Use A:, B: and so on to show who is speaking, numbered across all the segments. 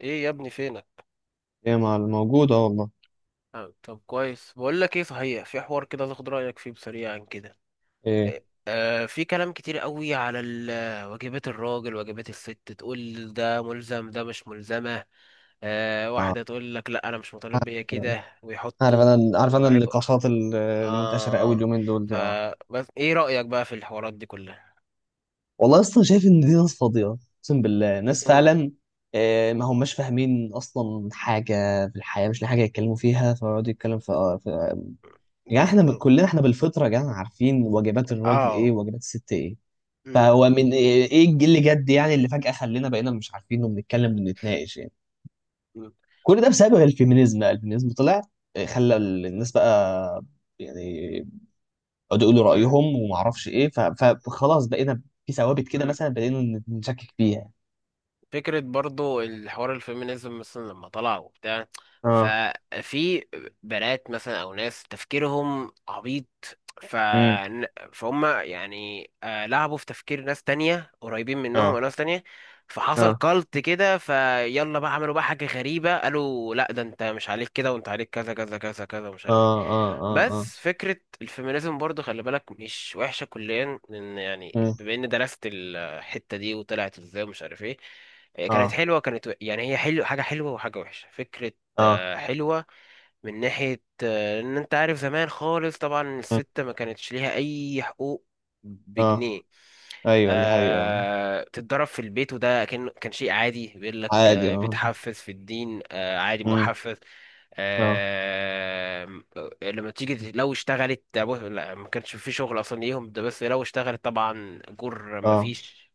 A: ايه يا ابني فينك؟
B: ايه، مع الموجودة والله.
A: طب كويس، بقول لك ايه، صحيح في حوار كده تاخد رايك فيه بسريعا كده.
B: ايه.
A: آه. في كلام كتير قوي على واجبات الراجل واجبات الست، تقول ده ملزم ده مش ملزمه.
B: اه.
A: واحده تقول لك لا انا مش مطالب بيا كده،
B: عارف انا عارف
A: ويحطوا
B: انا
A: عبء.
B: النقاشات المنتشره قوي
A: اه.
B: اليومين دول دي. اه.
A: فبس ايه رايك بقى في الحوارات دي كلها؟
B: والله اصلا شايف ان دي ناس فاضيه، اقسم بالله، ناس
A: امم.
B: فعلا. ما هماش فاهمين اصلا حاجه في الحياه، مش لاقي حاجه يتكلموا فيها فيقعدوا يتكلم في يعني احنا
A: بالظبط
B: كلنا احنا بالفطره يا جدعان عارفين واجبات الراجل ايه
A: اه.
B: وواجبات الست ايه.
A: امم.
B: فهو من إيه الجيل اللي جد، يعني، اللي فجاه خلينا بقينا مش عارفين وبنتكلم وبنتناقش يعني. كل ده بسبب الفيمينيزم بقى، الفيمينيزم طلع خلى الناس بقى، يعني، يقعدوا يقولوا
A: امم.
B: رأيهم وما اعرفش ايه، فخلاص بقينا في ثوابت كده مثلا بقينا نشكك فيها.
A: فكرة برضو الحوار الفيمينيزم مثلا لما طلع وبتاع،
B: اه.
A: ففي بنات مثلا أو ناس تفكيرهم عبيط، ف...
B: امم.
A: فهم يعني لعبوا في تفكير ناس تانية قريبين منهم أو
B: اه.
A: ناس تانية. فحصل
B: اه.
A: كالت كده، فيلا بقى عملوا بقى حاجة غريبة، قالوا لا ده انت مش عليك كده وانت عليك كذا كذا كذا كذا ومش عارف ايه.
B: اه. اه. اه. اه.
A: بس فكرة الفيمينيزم برضه خلي بالك مش وحشة كليا، لأن يعني
B: امم.
A: بما إني درست الحتة دي وطلعت إزاي ومش عارف إيه، إيه، كانت
B: اه.
A: حلوة كانت يعني هي حلو، حاجة حلوة وحاجة وحشة فكرة.
B: اه.
A: حلوة من ناحية إن أنت عارف زمان خالص طبعا
B: امم.
A: الست ما كانتش ليها أي حقوق
B: اه.
A: بجنيه.
B: ايوه، دي حقيقة.
A: تتضرب في البيت، وده كان شيء عادي، بيقول لك
B: عادي. اه.
A: بتحفز في الدين عادي
B: امم.
A: محفز.
B: اه.
A: آه. لما تيجي لو اشتغلت لا، ما كانش في شغل اصلا ليهم، ده بس لو اشتغلت طبعا اجور ما
B: اه.
A: فيش.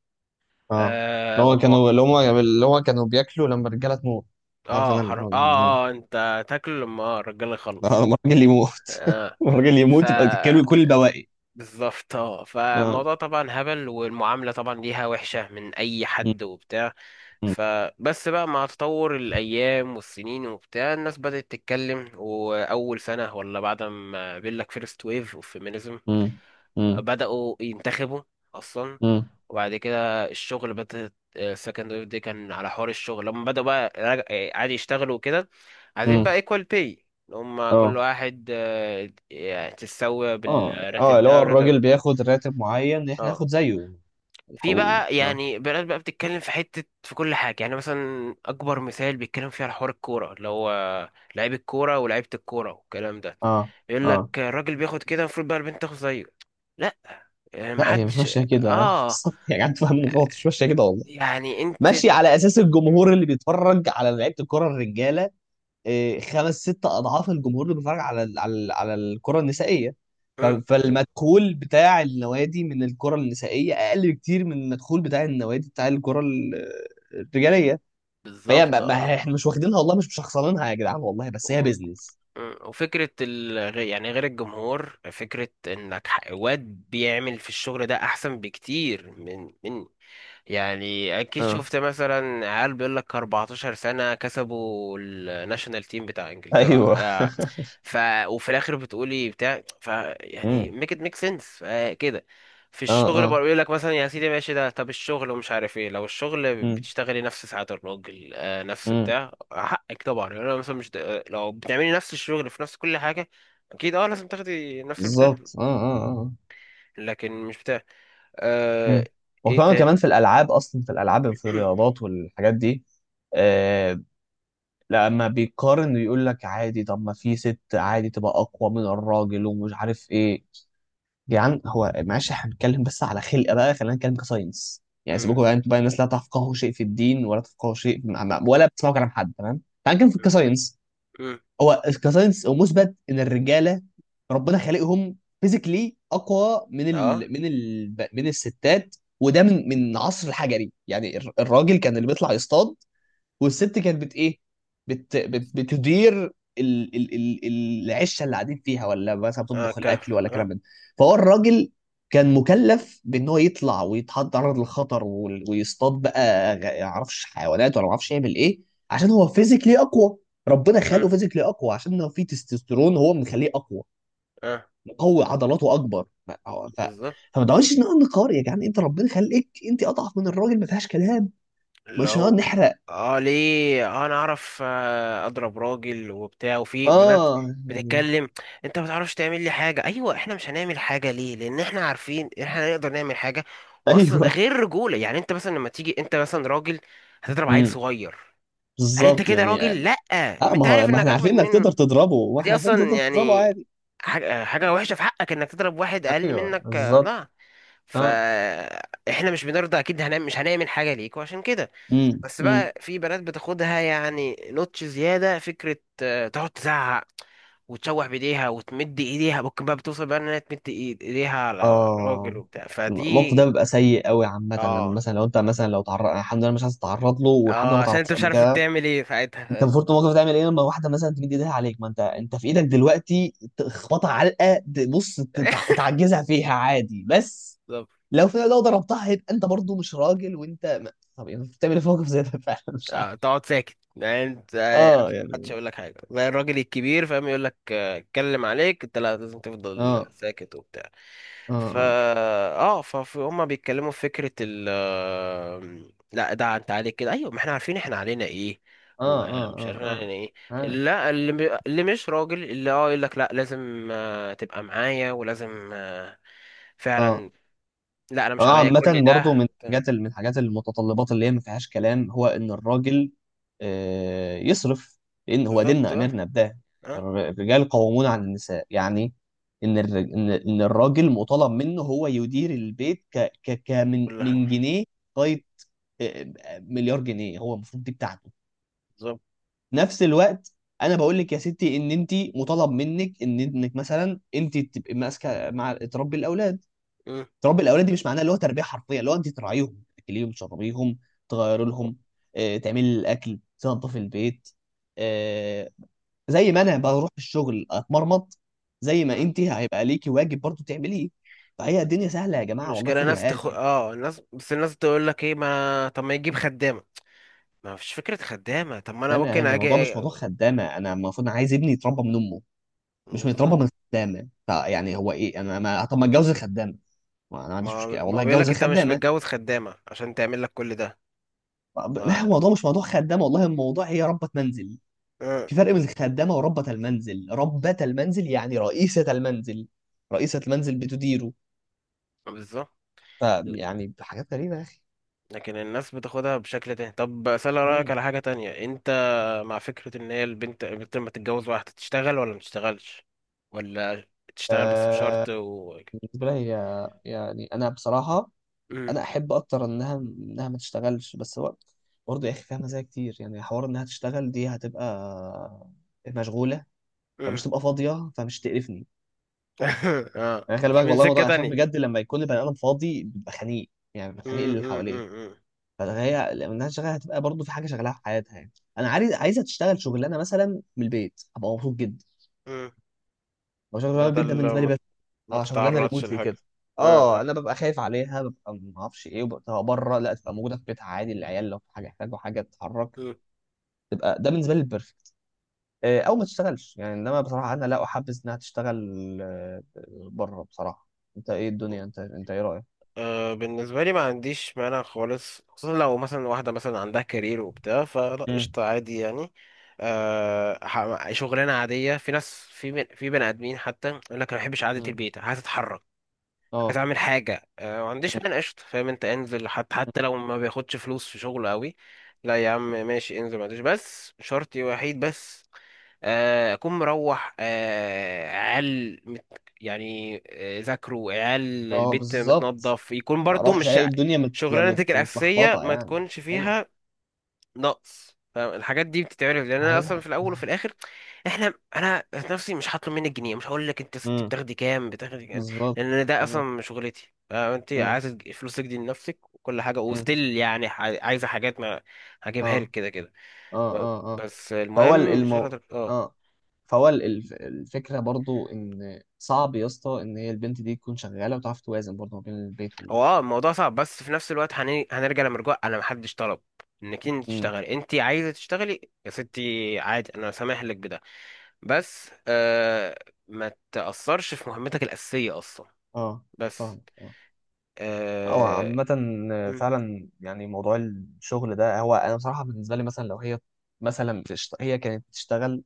B: اه.
A: آه
B: اللي هو
A: وم...
B: كانوا اللي هم اللي هو كانوا بياكلوا لما الرجالة تموت. عارف
A: اه.
B: انا اللي
A: اه
B: هو
A: اه، انت تاكل لما الرجال
B: لما
A: يخلص.
B: الراجل يموت.
A: آه.
B: لما الراجل
A: ف
B: يموت يبقى تتكلوا كل البواقي.
A: بالظبط اه،
B: اه.
A: فالموضوع طبعا هبل والمعاملة طبعا ليها وحشة من أي
B: مم.
A: حد وبتاع.
B: مم.
A: فبس بقى مع تطور الأيام والسنين وبتاع، الناس بدأت تتكلم، وأول سنة، ولا بعد ما بيقولك فيرست ويف اوف فيمينيزم
B: مم.
A: بدأوا ينتخبوا أصلا.
B: مم.
A: وبعد كده الشغل، بدأت السكند ويف دي كان على حوار الشغل لما بدأوا بقى عادي يشتغلوا وكده. عايزين
B: مم.
A: بقى equal pay، اللي هم كل
B: اه.
A: واحد يعني تتساوي
B: اه. اه.
A: بالراتب
B: اللي
A: ده
B: هو
A: والراتب.
B: الراجل بياخد راتب معين، احنا
A: اه.
B: ناخد زيه
A: في
B: الحقوقي.
A: بقى
B: اه.
A: يعني بلاد بقى بتتكلم في حتة في كل حاجة، يعني مثلا أكبر مثال بيتكلم فيه على حوار الكورة، اللي هو لعيب الكورة ولعيبة الكورة والكلام ده،
B: اه.
A: يقول لك
B: اه.
A: الراجل بياخد كده، المفروض بقى البنت تاخد زيه. لا. يعني
B: لا، هي مش
A: محدش.
B: ماشيه كده.
A: اه.
B: يا جدعان تفهموا غلط، مش ماشيه كده والله.
A: يعني انت.
B: ماشيه على اساس الجمهور اللي بيتفرج على لعيبه الكره الرجاله، إيه، خمس ست اضعاف الجمهور اللي بيتفرج على على الكره النسائيه.
A: مم.
B: فالمدخول بتاع النوادي من الكره النسائيه اقل بكتير من المدخول بتاع النوادي بتاع الكره الرجاليه. فهي
A: بالظبط اه.
B: احنا مش واخدينها والله، مش مشخصنينها يا جدعان والله، بس هي
A: وف-
B: بيزنس.
A: مم. وفكرة يعني غير الجمهور، فكرة انك واد بيعمل في الشغل ده احسن بكتير من، يعني اكيد
B: اه.
A: شفت مثلا عيال بيقول لك 14 سنه كسبوا الناشونال تيم بتاع انجلترا
B: ايوه.
A: ف وفي الاخر بتقولي بتاع، يعني
B: امم.
A: ميك ات ميك سنس كده. في
B: اه.
A: الشغل
B: اه.
A: بقى يقول لك مثلا يا سيدي ماشي، ده طب الشغل ومش عارف ايه، لو الشغل
B: امم.
A: بتشتغلي نفس ساعات الراجل نفس
B: امم.
A: بتاع حقك طبعا، يعني انا مثلا مش د- آه، لو بتعملي نفس الشغل في نفس كل حاجه، اكيد اه لازم تاخدي نفس البتاع،
B: بالظبط. اه. اه. اه.
A: لكن مش بتاع، آه.
B: امم.
A: ايه
B: وطبعا
A: تا.
B: كمان في الالعاب، اصلا في الالعاب، في الرياضات والحاجات دي. آه لما بيقارن يقول لك عادي، طب ما في ست عادي تبقى اقوى من الراجل ومش عارف ايه. جدعان، هو معلش، احنا بنتكلم بس على خلق بقى، خلينا نتكلم كساينس يعني. سيبكم بقى، انتوا بقى الناس لا تفقهوا شيء في الدين ولا تفقهوا شيء ولا بتسمعوا كلام حد. تمام، تعال نتكلم في الكساينس. هو كساينس، هو مثبت ان الرجاله ربنا خالقهم فيزيكلي اقوى من
A: اه.
B: ال من ال من الستات، وده من عصر الحجري. يعني الراجل كان اللي بيطلع يصطاد، والست كانت بت ايه بت بت بتدير ال ال ال العشه اللي قاعدين فيها، ولا مثلا
A: اه.
B: بتطبخ الاكل،
A: كهف.
B: ولا كلام
A: اه.
B: من ده. فهو الراجل كان مكلف بان هو يطلع ويتعرض للخطر، ويصطاد بقى، يعرفش حيوانات ولا معرفش يعمل ايه، عشان هو فيزيكلي اقوى. ربنا
A: مم.
B: خلقه فيزيكلي اقوى عشان هو فيه تستوستيرون، هو مخليه اقوى،
A: اه.
B: مقوي عضلاته اكبر. ف...
A: بالظبط.
B: فما تقعدش نقعد نقار يا جدعان. انت ربنا خلقك انت اضعف من الراجل، ما فيهاش كلام.
A: اللي
B: مش هنقعد
A: هو
B: نحرق.
A: اه، ليه انا اعرف اضرب راجل وبتاع، وفي بنات
B: اه. يعني.
A: بتتكلم، انت ما تعرفش تعمل لي حاجه، ايوه احنا مش هنعمل حاجه، ليه؟ لان احنا عارفين إن احنا نقدر نعمل حاجه، واصلا
B: ايوه.
A: غير رجوله. يعني انت مثلا لما تيجي انت مثلا راجل، هتضرب عيل
B: امم.
A: صغير، هل انت
B: بالظبط
A: كده
B: يعني.
A: راجل؟ لا.
B: اه.
A: ما
B: ما
A: انت
B: هو،
A: عارف
B: ما
A: انك
B: احنا
A: اجمد
B: عارفين انك تقدر
A: منه،
B: تضربه، واحنا
A: ودي
B: عارفين إنك
A: اصلا
B: تقدر تضربه
A: يعني
B: عادي.
A: حاجه وحشه في حقك انك تضرب واحد اقل
B: ايوه
A: منك
B: بالظبط.
A: لا.
B: اه.
A: فاحنا مش بنرضى، اكيد هنعمل، مش هنعمل حاجه ليكوا عشان كده.
B: امم.
A: بس
B: امم.
A: بقى في بنات بتاخدها يعني نوتش زياده فكره، تقعد تزعق وتشوح بايديها وتمد ايديها، ممكن بقى بتوصل بقى انها تمد ايديها على الراجل
B: اه.
A: وبتاع،
B: الموقف
A: فدي.
B: ده بيبقى سيء قوي عامة. لما
A: اه
B: مثلا لو انت مثلا لو تعرض، الحمد لله مش عايز تتعرض له، والحمد لله
A: اه
B: ما
A: عشان انت
B: تعرضتش
A: مش
B: قبل
A: عارف
B: كده.
A: تعمل ايه ساعتها.
B: انت المفروض في الموقف ده تعمل ايه لما واحدة مثلا تمد ايديها عليك؟ ما انت في ايدك دلوقتي تخبطها علقة، بص تعجزها فيها عادي. بس
A: بالظبط.
B: لو في، لو ضربتها هيبقى انت برضو مش راجل، وانت ما... طب يعني بتعمل ايه في موقف زي ده؟ فعلا مش عارف.
A: تقعد ساكت، يعني انت
B: اه.
A: محدش
B: يعني.
A: يقول لك حاجه زي الراجل الكبير فاهم، يقول لك اتكلم عليك، انت لا، لازم تفضل
B: اه.
A: ساكت وبتاع.
B: اه.
A: فا
B: اه.
A: اه، فهم بيتكلموا في فكره ال آه، لا ده انت عليك كده، ايوه ما احنا عارفين احنا علينا ايه
B: اه. اه.
A: ومش عارفين
B: اه.
A: علينا ايه.
B: اه.
A: لا اللي، اللي مش راجل، اللي اه يقول لك لا لازم تبقى معايا ولازم
B: اه.
A: فعلا لا انا مش
B: اه.
A: عليا كل
B: عامة برضو
A: ده.
B: من الحاجات، من الحاجات المتطلبات اللي هي ما فيهاش كلام، هو ان الراجل يصرف، لان هو
A: بالظبط
B: ديننا
A: اه
B: امرنا بده.
A: اه
B: الرجال قوامون على النساء يعني. ان إن الراجل مطالب منه هو يدير البيت ك ك ك من
A: كل حاجه
B: من جنيه لغايه مليار جنيه. هو المفروض دي بتاعته.
A: بالظبط.
B: نفس الوقت، انا بقول لك يا ستي ان انت مطالب منك ان انك مثلا انت تبقي ماسكه، مع تربي الاولاد. تربي الاولاد دي مش معناها اللي هو تربيه حرفيه، اللي هو انت تراعيهم، تاكليهم، تشربيهم، تغيري لهم، تعملي الاكل، تنظفي البيت، آه، زي ما انا بروح الشغل اتمرمط، زي ما
A: مم.
B: انت هيبقى ليكي واجب برضو تعمليه. فهي الدنيا سهله يا جماعه، والله
A: مشكلة
B: خدوا
A: ناس
B: هادي يعني.
A: اه الناس، بس الناس تقول لك ايه، ما طب ما يجيب خدامة، ما فيش فكرة خدامة، طب ما انا
B: يعني
A: ممكن
B: الموضوع
A: اجي
B: مش موضوع خدامه، انا المفروض، أنا عايز ابني يتربى من امه، مش متربى
A: بالظبط.
B: من خدامه. فيعني، هو ايه، انا ما، طب ما اتجوز الخدامه؟ ما انا ما عنديش
A: ما
B: مشكله
A: ما
B: والله،
A: بيقول
B: اتجوز
A: لك انت مش
B: الخدامه.
A: متجوز خدامة عشان تعمل لك كل ده.
B: طب ما
A: ما
B: هو الموضوع مش موضوع خدامه والله، الموضوع هي ربة منزل.
A: آه،
B: في فرق بين الخدامه وربة المنزل، ربة المنزل يعني رئيسة المنزل، رئيسة المنزل بتديره.
A: بالظبط.
B: فيعني حاجات غريبه يا اخي.
A: لكن الناس بتاخدها بشكل تاني، طب اسأل رأيك
B: مم.
A: على حاجة تانية انت، مع فكرة ان هي البنت لما تتجوز، واحدة تشتغل ولا ما تشتغلش، ولا تشتغل بس
B: آه
A: بشرط و،
B: بالنسبه لي، هي، يعني انا بصراحه،
A: مم،
B: انا احب اكتر انها ما تشتغلش. بس هو برضه يا اخي فيها مزايا كتير، يعني حوار انها تشتغل دي هتبقى مشغوله،
A: مم.
B: فمش تبقى فاضيه، فمش تقرفني.
A: اه،
B: انا، خلي
A: دي
B: بالك
A: من
B: والله،
A: سكة
B: الموضوع عشان
A: تانية.
B: بجد لما يكون البني ادم فاضي بيبقى خنيق، يعني بيبقى
A: مم،
B: خنيق اللي
A: مم،
B: حواليه.
A: مم، مم،
B: فهي لما الناس شغاله هتبقى برضه في حاجه شغاله في حياتها، يعني انا عايزه تشتغل شغلانه مثلا من البيت، هبقى مبسوط جدا.
A: مم.
B: هو شغلانه من البيت ده
A: بدل
B: بالنسبه لي.
A: ما
B: بس،
A: ما
B: اه، شغلانه
A: تتعرضش
B: ريموتلي
A: لحاجة.
B: كده.
A: اه
B: اه،
A: اه.
B: انا ببقى خايف عليها، ببقى ما اعرفش ايه وببقى بره، لا تبقى موجوده في بيتها عادي، العيال لو في حاجه يحتاجوا حاجه تتحرك.
A: مم.
B: تبقى ده بالنسبه لي البرفكت. او ما تشتغلش يعني. انما بصراحه انا لا احبذ انها تشتغل بره بصراحه. انت ايه الدنيا، انت ايه رايك؟
A: بالنسبة لي ما عنديش مانع خالص، خصوصا لو مثلا واحدة مثلا عندها كارير وبتاع فلا
B: مم.
A: قشطة عادي يعني. شغلانة عادية، في ناس في بني آدمين حتى يقول لك أنا ما بحبش قعدة
B: مم.
A: البيت، عايز أتحرك، عايز
B: اه.
A: أعمل حاجة، ما عنديش مانع قشطة فاهم أنت، انزل، حتى لو ما بياخدش فلوس في شغله قوي، لا يا عم ماشي انزل، ما عنديش، بس شرطي وحيد، بس اكون مروح، عيال يعني ذاكروا، عيال،
B: اه.
A: البيت
B: بالظبط.
A: متنظف، يكون
B: ما
A: برضو
B: اروحش
A: مش
B: الاقي الدنيا
A: شغلانتك الاساسيه
B: متلخبطه
A: ما
B: يعني.
A: تكونش
B: ايوه.
A: فيها نقص فاهم؟ الحاجات دي بتتعرف لان انا
B: هي.
A: اصلا في الاول وفي الاخر احنا، انا ذات نفسي مش هطلب منك جنيه، مش هقول لك انت يا ستي
B: امم.
A: بتاخدي كام بتاخدي كام،
B: بالظبط.
A: لان أنا ده
B: بالظبط.
A: اصلا شغلتي، انت
B: امم.
A: عايزه فلوسك دي لنفسك وكل حاجه
B: امم.
A: وستيل، يعني عايزه حاجات ما هجيبها لك
B: اه.
A: كده كده.
B: اه. اه. اه.
A: بس
B: فهو ال-
A: المهم
B: المو...
A: شغلتك، اه.
B: اه فهو ال- الف- الفكره برضو ان صعب يا اسطى ان هي البنت دي تكون شغاله وتعرف توازن برضو ما بين البيت وال
A: هو اه الموضوع صعب، بس في نفس الوقت هنرجع لمرجوع، انا محدش طلب انك انت
B: امم
A: تشتغلي، انت عايزه تشتغلي يا ستي عادي، انا سامح لك بده، بس آه ما تأثرش في مهمتك الأساسية اصلا،
B: اه.
A: بس
B: فاهم. هو
A: اه.
B: عامة.
A: مم.
B: فعلا يعني، موضوع الشغل ده، هو أنا بصراحة بالنسبة لي، مثلا لو هي مثلا هي كانت بتشتغل،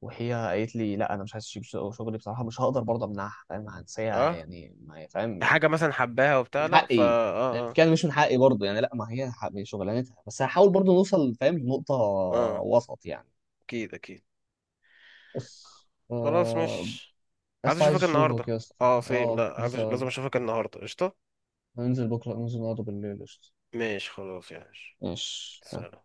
B: وهي قالت لي لا، أنا مش عايز أسيب شغلي، بصراحة مش هقدر برضه أمنعها، فاهم، هنسيها
A: اه،
B: يعني؟ ما هي، فاهم يعني،
A: حاجة مثلا حباها وبتاع
B: من
A: لا
B: حقي، يعني،
A: اه اه
B: كان مش من حقي برضه، يعني لا، ما هي من شغلانتها، بس هحاول برضه نوصل فاهم لنقطة
A: اه.
B: وسط يعني.
A: اكيد اكيد.
B: بس
A: خلاص،
B: آه...
A: مش عايز
B: بس عايز
A: اشوفك النهارده،
B: أشوفك يا اسطى.
A: اه سيم،
B: أه،
A: لا عايز
B: لسه هقول.
A: لازم اشوفك النهارده قشطة.
B: هننزل بكرة، ننزل نقعد بالليل، قشطة.
A: ماشي خلاص يا باشا.
B: ماشي.
A: سلام.